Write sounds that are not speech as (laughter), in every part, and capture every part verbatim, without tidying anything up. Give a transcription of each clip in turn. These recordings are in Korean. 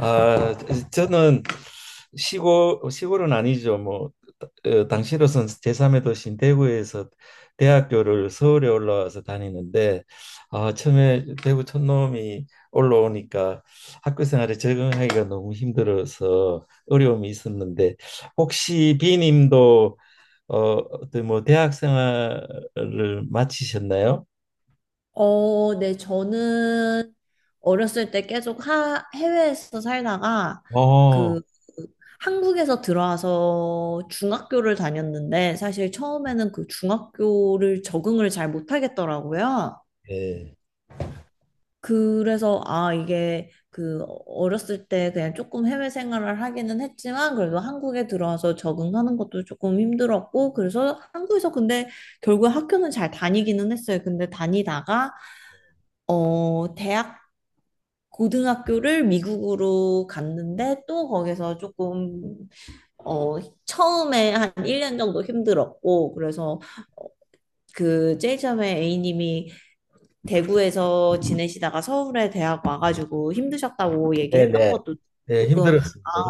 아, 저는 시골 시골은 아니죠. 뭐 어, 당시로선 제삼의 도시인 대구에서 대학교를 서울에 올라와서 다니는데, 아, 처음에 대구 촌놈이 올라오니까 학교 생활에 적응하기가 너무 힘들어서 어려움이 있었는데, 혹시 비님도 어, 어떤 뭐 대학 생활을 마치셨나요? 어, 네, 저는 어렸을 때 계속 하, 해외에서 살다가 어, 그 한국에서 들어와서 중학교를 다녔는데, 사실 처음에는 그 중학교를 적응을 잘 못하겠더라고요. 네. 그래서 아, 이게 그 어렸을 때 그냥 조금 해외 생활을 하기는 했지만, 그래도 한국에 들어와서 적응하는 것도 조금 힘들었고, 그래서 한국에서, 근데 결국 학교는 잘 다니기는 했어요. 근데 다니다가 어, 대학 고등학교를 미국으로 갔는데 또 거기서 조금 어 처음에 한 일 년 정도 힘들었고, 그래서 그 제일 처음에 A님이 대구에서 지내시다가 서울에 대학 와가지고 힘드셨다고 얘기했던 네네. 것도 네, 조금, 아 힘들었습니다.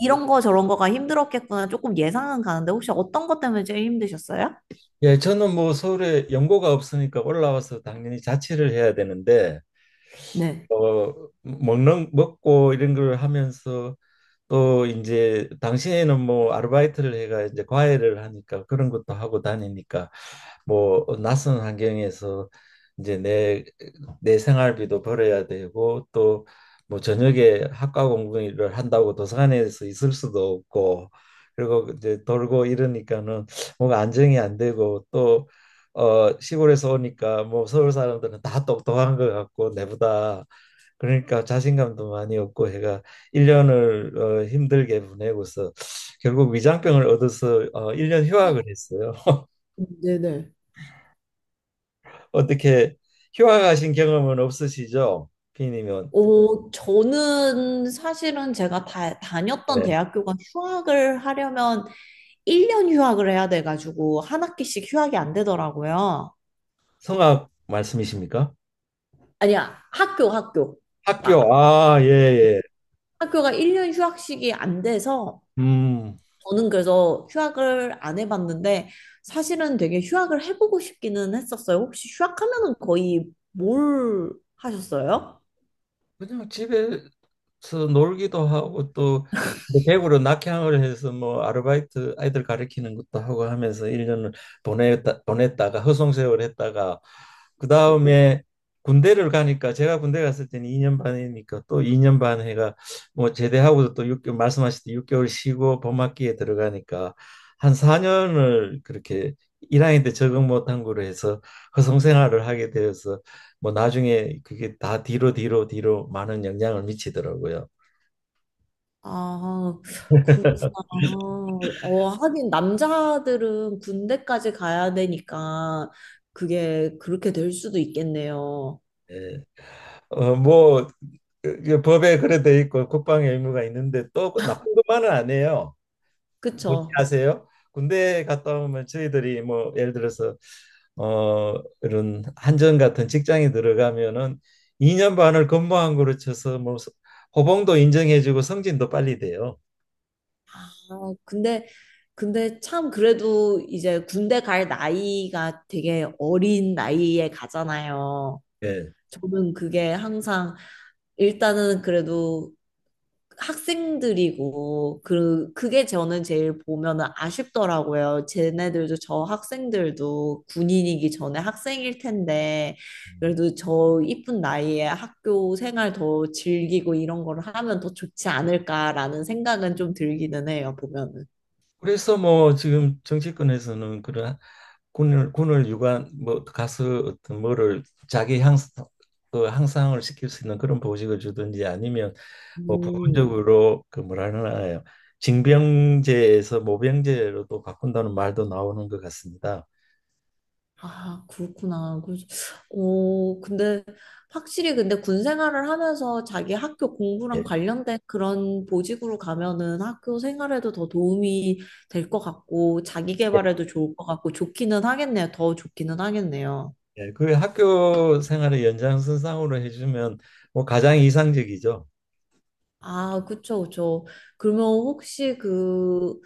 이런 거 저런 거가 힘들었겠구나, 조금 예상은 가는데, 혹시 어떤 것 때문에 제일 힘드셨어요? 예, 저는 뭐 서울에 연고가 없으니까 올라와서 당연히 자취를 해야 되는데, 네. 어, 먹는 먹고 이런 걸 하면서 또 이제 당시에는 뭐 아르바이트를 해가 이제 과외를 하니까 그런 것도 하고 다니니까, 뭐 낯선 환경에서 이제 내 내 생활비도 벌어야 되고, 또 뭐 저녁에 학과 공부를 한다고 도서관에서 있을 수도 없고, 그리고 이제 돌고 이러니까는 뭔가 안정이 안 되고, 또 어, 시골에서 오니까 뭐 서울 사람들은 다 똑똑한 것 같고 내보다, 그러니까 자신감도 많이 없고 해가 일 년을 어, 힘들게 보내고서 결국 위장병을 얻어서 어, 일 년 휴학을 했어요. (laughs) 네네. 어떻게 휴학하신 경험은 없으시죠? 비님은. 오, 저는 사실은 제가 다, 다녔던 네. 대학교가 휴학을 하려면 일 년 휴학을 해야 돼가지고 한 학기씩 휴학이 안 되더라고요. 성악 말씀이십니까? 아니야, 학교, 학교. 학교. 가 아, 예, 예. 학교가 일 년 휴학식이 안 돼서 음. 저는 그래서 휴학을 안 해봤는데, 사실은 되게 휴학을 해보고 싶기는 했었어요. 혹시 휴학하면은 거의 뭘 하셨어요? 그냥 집에서 놀기도 하고 또 대구로 낙향을 해서 뭐 아르바이트 아이들 가르치는 것도 하고 하면서 일 년을 보냈다, 보냈다가 허송세월 했다가, 그 다음에 군대를 가니까, 제가 군대 갔을 때는 이 년 반이니까 또 이 년 반 해가, 뭐 제대하고도 또개월 말씀하셨듯이 육 개월 쉬고 봄학기에 들어가니까 한 사 년을 그렇게 일 학년 때 적응 못한 거로 해서 허송생활을 하게 되어서, 뭐 나중에 그게 다 뒤로 뒤로 뒤로 많은 영향을 미치더라고요. 아, 그렇구나. 어, 하긴 남자들은 군대까지 가야 되니까 그게 그렇게 될 수도 있겠네요. 예. 어, 뭐 그- 그 법에 그래 돼 있고 국방의 의무가 있는데, 또 그 나쁜 것만은 안 해요. 뭐지 그쵸? 아세요? 군대 갔다 오면 저희들이 뭐 예를 들어서 어 이런 한전 같은 직장에 들어가면은 이 년 반을 근무한 거로 쳐서 뭐 호봉도 인정해주고 승진도 빨리 돼요. 아, 근데, 근데 참 그래도 이제 군대 갈 나이가 되게 어린 나이에 가잖아요. 예. 저는 그게 항상, 일단은 그래도 학생들이고, 그 그게 저는 제일 보면은 아쉽더라고요. 쟤네들도, 저 학생들도 군인이기 전에 학생일 텐데, 그래도 저 이쁜 나이에 학교 생활 더 즐기고 이런 걸 하면 더 좋지 않을까라는 생각은 좀 들기는 해요, 보면은. 그래서 뭐 지금 정치권에서는 그런 군을 군을 유관 뭐 가서 어떤 뭐를 자기 향 그 향상을 시킬 수 있는 그런 보직을 주든지, 아니면 뭐 음. 부분적으로, 그 뭐라 하나요, 징병제에서 모병제로도 바꾼다는 말도 나오는 것 같습니다. 아, 그렇구나. 그, 어, 근데 확실히, 근데 군 생활을 하면서 자기 학교 예. 공부랑 관련된 그런 보직으로 가면은 학교 생활에도 더 도움이 될 것 같고, 자기 예. 개발에도 좋을 것 같고, 좋기는 하겠네요. 더 좋기는 하겠네요. 예, 그 학교 생활의 연장선상으로 해주면 뭐 가장 이상적이죠. 아, 그쵸, 그쵸. 그러면 혹시 그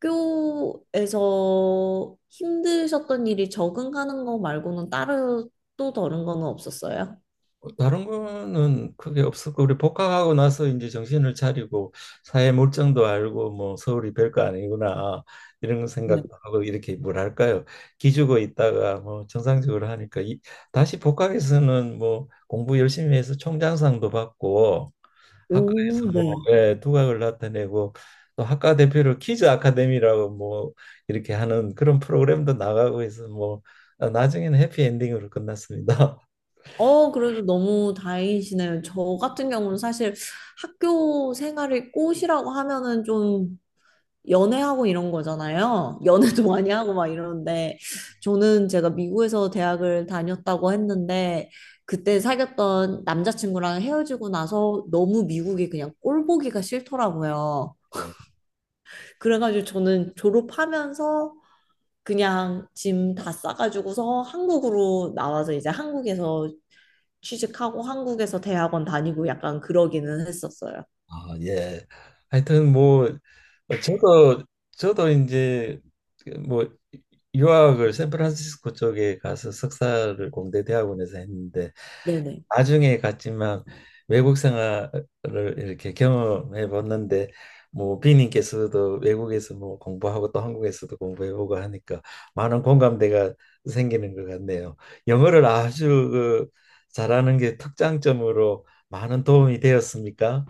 학교에서 힘드셨던 일이, 적응하는 거 말고는 따로 또 다른 거는 없었어요? 어, 다른 거는 크게 없었고 우리 복학하고 나서 이제 정신을 차리고 사회 물정도 알고, 뭐 서울이 별거 아니구나 이런 네. 생각도 하고, 이렇게 뭐랄까요, 기죽어 있다가 뭐 정상적으로 하니까 이, 다시 복학해서는 뭐 공부 열심히 해서 총장상도 받고 학과에서 오, 뭐, 네. 예, 두각을 나타내고 또 학과 대표로 퀴즈 아카데미라고 뭐 이렇게 하는 그런 프로그램도 나가고 해서, 뭐 아, 나중에는 해피엔딩으로 끝났습니다. 어, 그래도 너무 다행이시네요. 저 같은 경우는 사실 학교 생활이 꽃이라고 하면은 좀 연애하고 이런 거잖아요. 연애도 (laughs) 많이 하고 막 이러는데, 저는 제가 미국에서 대학을 다녔다고 했는데, 그때 사귀었던 남자친구랑 헤어지고 나서 너무 미국이 그냥 꼴 보기가 싫더라고요. (laughs) 그래가지고 저는 졸업하면서 그냥 짐 다 싸가지고서 한국으로 나와서, 이제 한국에서 취직하고 한국에서 대학원 다니고, 약간 그러기는 했었어요. 아, 예. 하여튼 뭐 어, 저도 저도 이제 뭐 유학을 샌프란시스코 쪽에 가서 석사를 공대 대학원에서 했는데, 네네. 나중에 갔지만 외국 생활을 이렇게 경험해 봤는데, 뭐 비님께서도 외국에서 뭐 공부하고 또 한국에서도 공부해보고 하니까 많은 공감대가 생기는 것 같네요. 영어를 아주 그 잘하는 게 특장점으로 많은 도움이 되었습니까?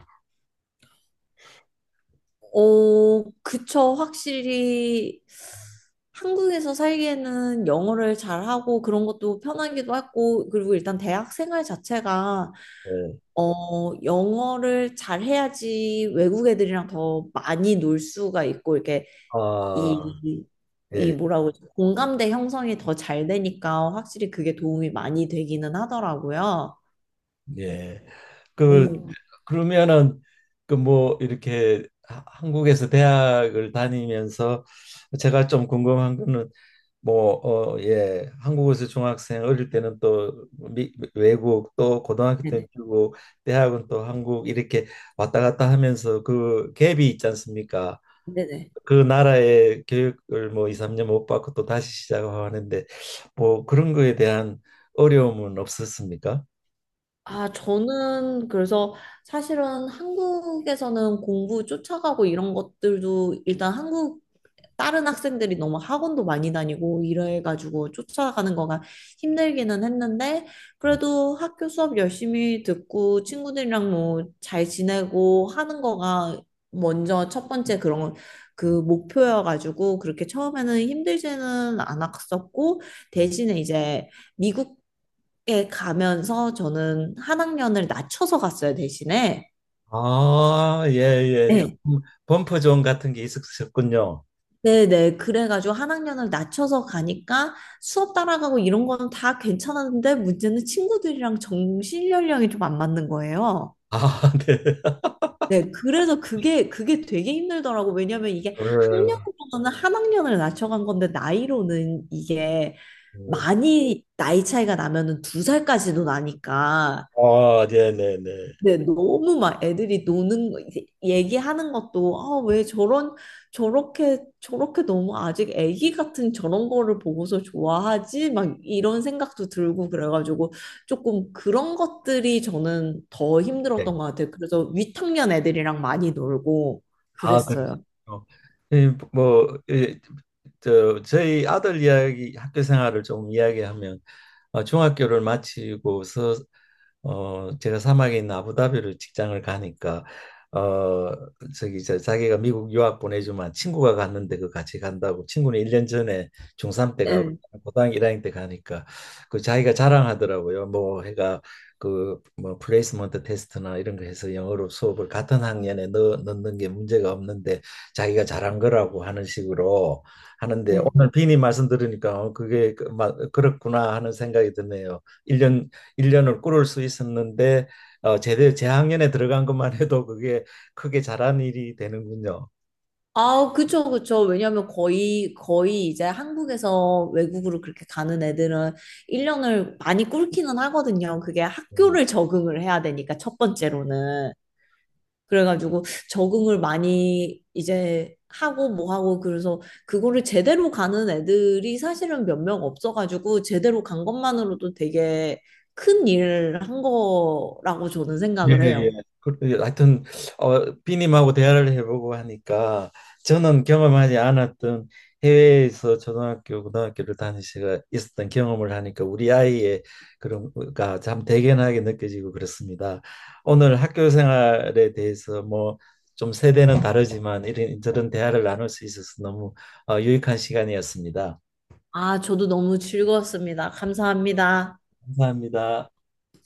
어, 그쵸. 확실히 한국에서 살기에는 영어를 잘하고 그런 것도 편하기도 하고, 그리고 일단 대학 생활 자체가, 네. 어, 영어를 잘해야지 외국 애들이랑 더 많이 놀 수가 있고, 이렇게 아, 이, 이 예, 뭐라고, 그러지? 공감대 형성이 더 잘 되니까 확실히 그게 도움이 많이 되기는 하더라고요. 예. 그 오, 그러면은 그 뭐 이렇게 하- 한국에서 대학을 다니면서 제가 좀 궁금한 거는, 뭐 어 예 한국에서 중학생 어릴 때는 또 미, 외국, 또 고등학교 때는 네네. 미국, 대학은 또 한국, 이렇게 왔다 갔다 하면서 그 갭이 있지 않습니까? 네네. 그 나라의 교육을 뭐 이, 삼 년 못 받고 또 다시 시작하고 하는데, 뭐 그런 거에 대한 어려움은 없었습니까? 아, 저는 그래서 사실은 한국에서는 공부 쫓아가고 이런 것들도, 일단 한국 다른 학생들이 너무 학원도 많이 다니고 이래가지고 쫓아가는 거가 힘들기는 했는데, 그래도 학교 수업 열심히 듣고 친구들이랑 뭐 잘 지내고 하는 거가 먼저 첫 번째 그런 그 목표여가지고, 그렇게 처음에는 힘들지는 않았었고, 대신에 이제 미국에 가면서 저는 한 학년을 낮춰서 갔어요, 대신에. 아, 예, 예. 좀 네. 범퍼존 같은 게 있었군요. 네네. 그래가지고 한 학년을 낮춰서 가니까 수업 따라가고 이런 거는 다 괜찮았는데, 문제는 친구들이랑 정신 연령이 좀 안 맞는 거예요. 아, (laughs) 네. 네. 그래서 그게, 그게 되게 힘들더라고. 왜냐면 이게 음, 학년으로는 한 학년을 낮춰간 건데, 나이로는 이게 음. 많이 나이 차이가 나면은 두 살까지도 나니까, 아, 네, 네, 네. 근데 너무 막 애들이 노는 거 이제 얘기하는 것도, 아 왜 저런, 저렇게 저렇게 너무 아직 애기 같은 저런 거를 보고서 좋아하지, 막 이런 생각도 들고 그래가지고, 조금 그런 것들이 저는 더 힘들었던 것 같아요. 그래서 위탁년 애들이랑 많이 놀고 아, 그랬어요. 그러시군요. 예, 뭐, 예, 저, 저희 아들 이야기, 학교 생활을 좀 이야기하면, 어, 중학교를 마치고서, 어, 제가 사막에 있는 아부다비로 직장을 가니까, 어, 저기, 저, 자기가 미국 유학 보내주면 친구가 갔는데, 그 같이 간다고, 친구는 일 년 전에 중삼때 가고, 응. 고등학교 일 학년 때 가니까, 그 자기가 자랑하더라고요. 뭐, 해가 그 뭐 플레이스먼트 테스트나 이런 거 해서 영어로 수업을 같은 학년에 넣, 넣는 게 문제가 없는데, 자기가 잘한 거라고 하는 식으로 하는데, 응. 오늘 비니 말씀 들으니까 어, 그게 그, 마, 그렇구나 하는 생각이 드네요. 1년 일년을 꾸를 수 있었는데, 어, 제대 재학년에 들어간 것만 해도 그게 크게 잘한 일이 되는군요. 아, 그쵸, 그쵸. 왜냐면 거의, 거의 이제 한국에서 외국으로 그렇게 가는 애들은 일 년을 많이 꿇기는 하거든요. 그게 음. 학교를 적응을 해야 되니까, 첫 번째로는. 그래가지고 적응을 많이 이제 하고 뭐 하고, 그래서 그거를 제대로 가는 애들이 사실은 몇 명 없어가지고, 제대로 간 것만으로도 되게 큰 일을 한 거라고 저는 예, 생각을 해요. 예. 그래, 하여튼 어, 비님하고 대화를 해보고 하니까, 저는 경험하지 않았던 해외에서 초등학교, 고등학교를 다니시가 있었던 경험을 하니까 우리 아이의 그런 거가 참 대견하게 느껴지고 그렇습니다. 오늘 학교 생활에 대해서 뭐 좀 세대는 다르지만 이런 저런 대화를 나눌 수 있어서 너무 어, 유익한 시간이었습니다. 아, 저도 너무 즐거웠습니다. 감사합니다. 감사합니다.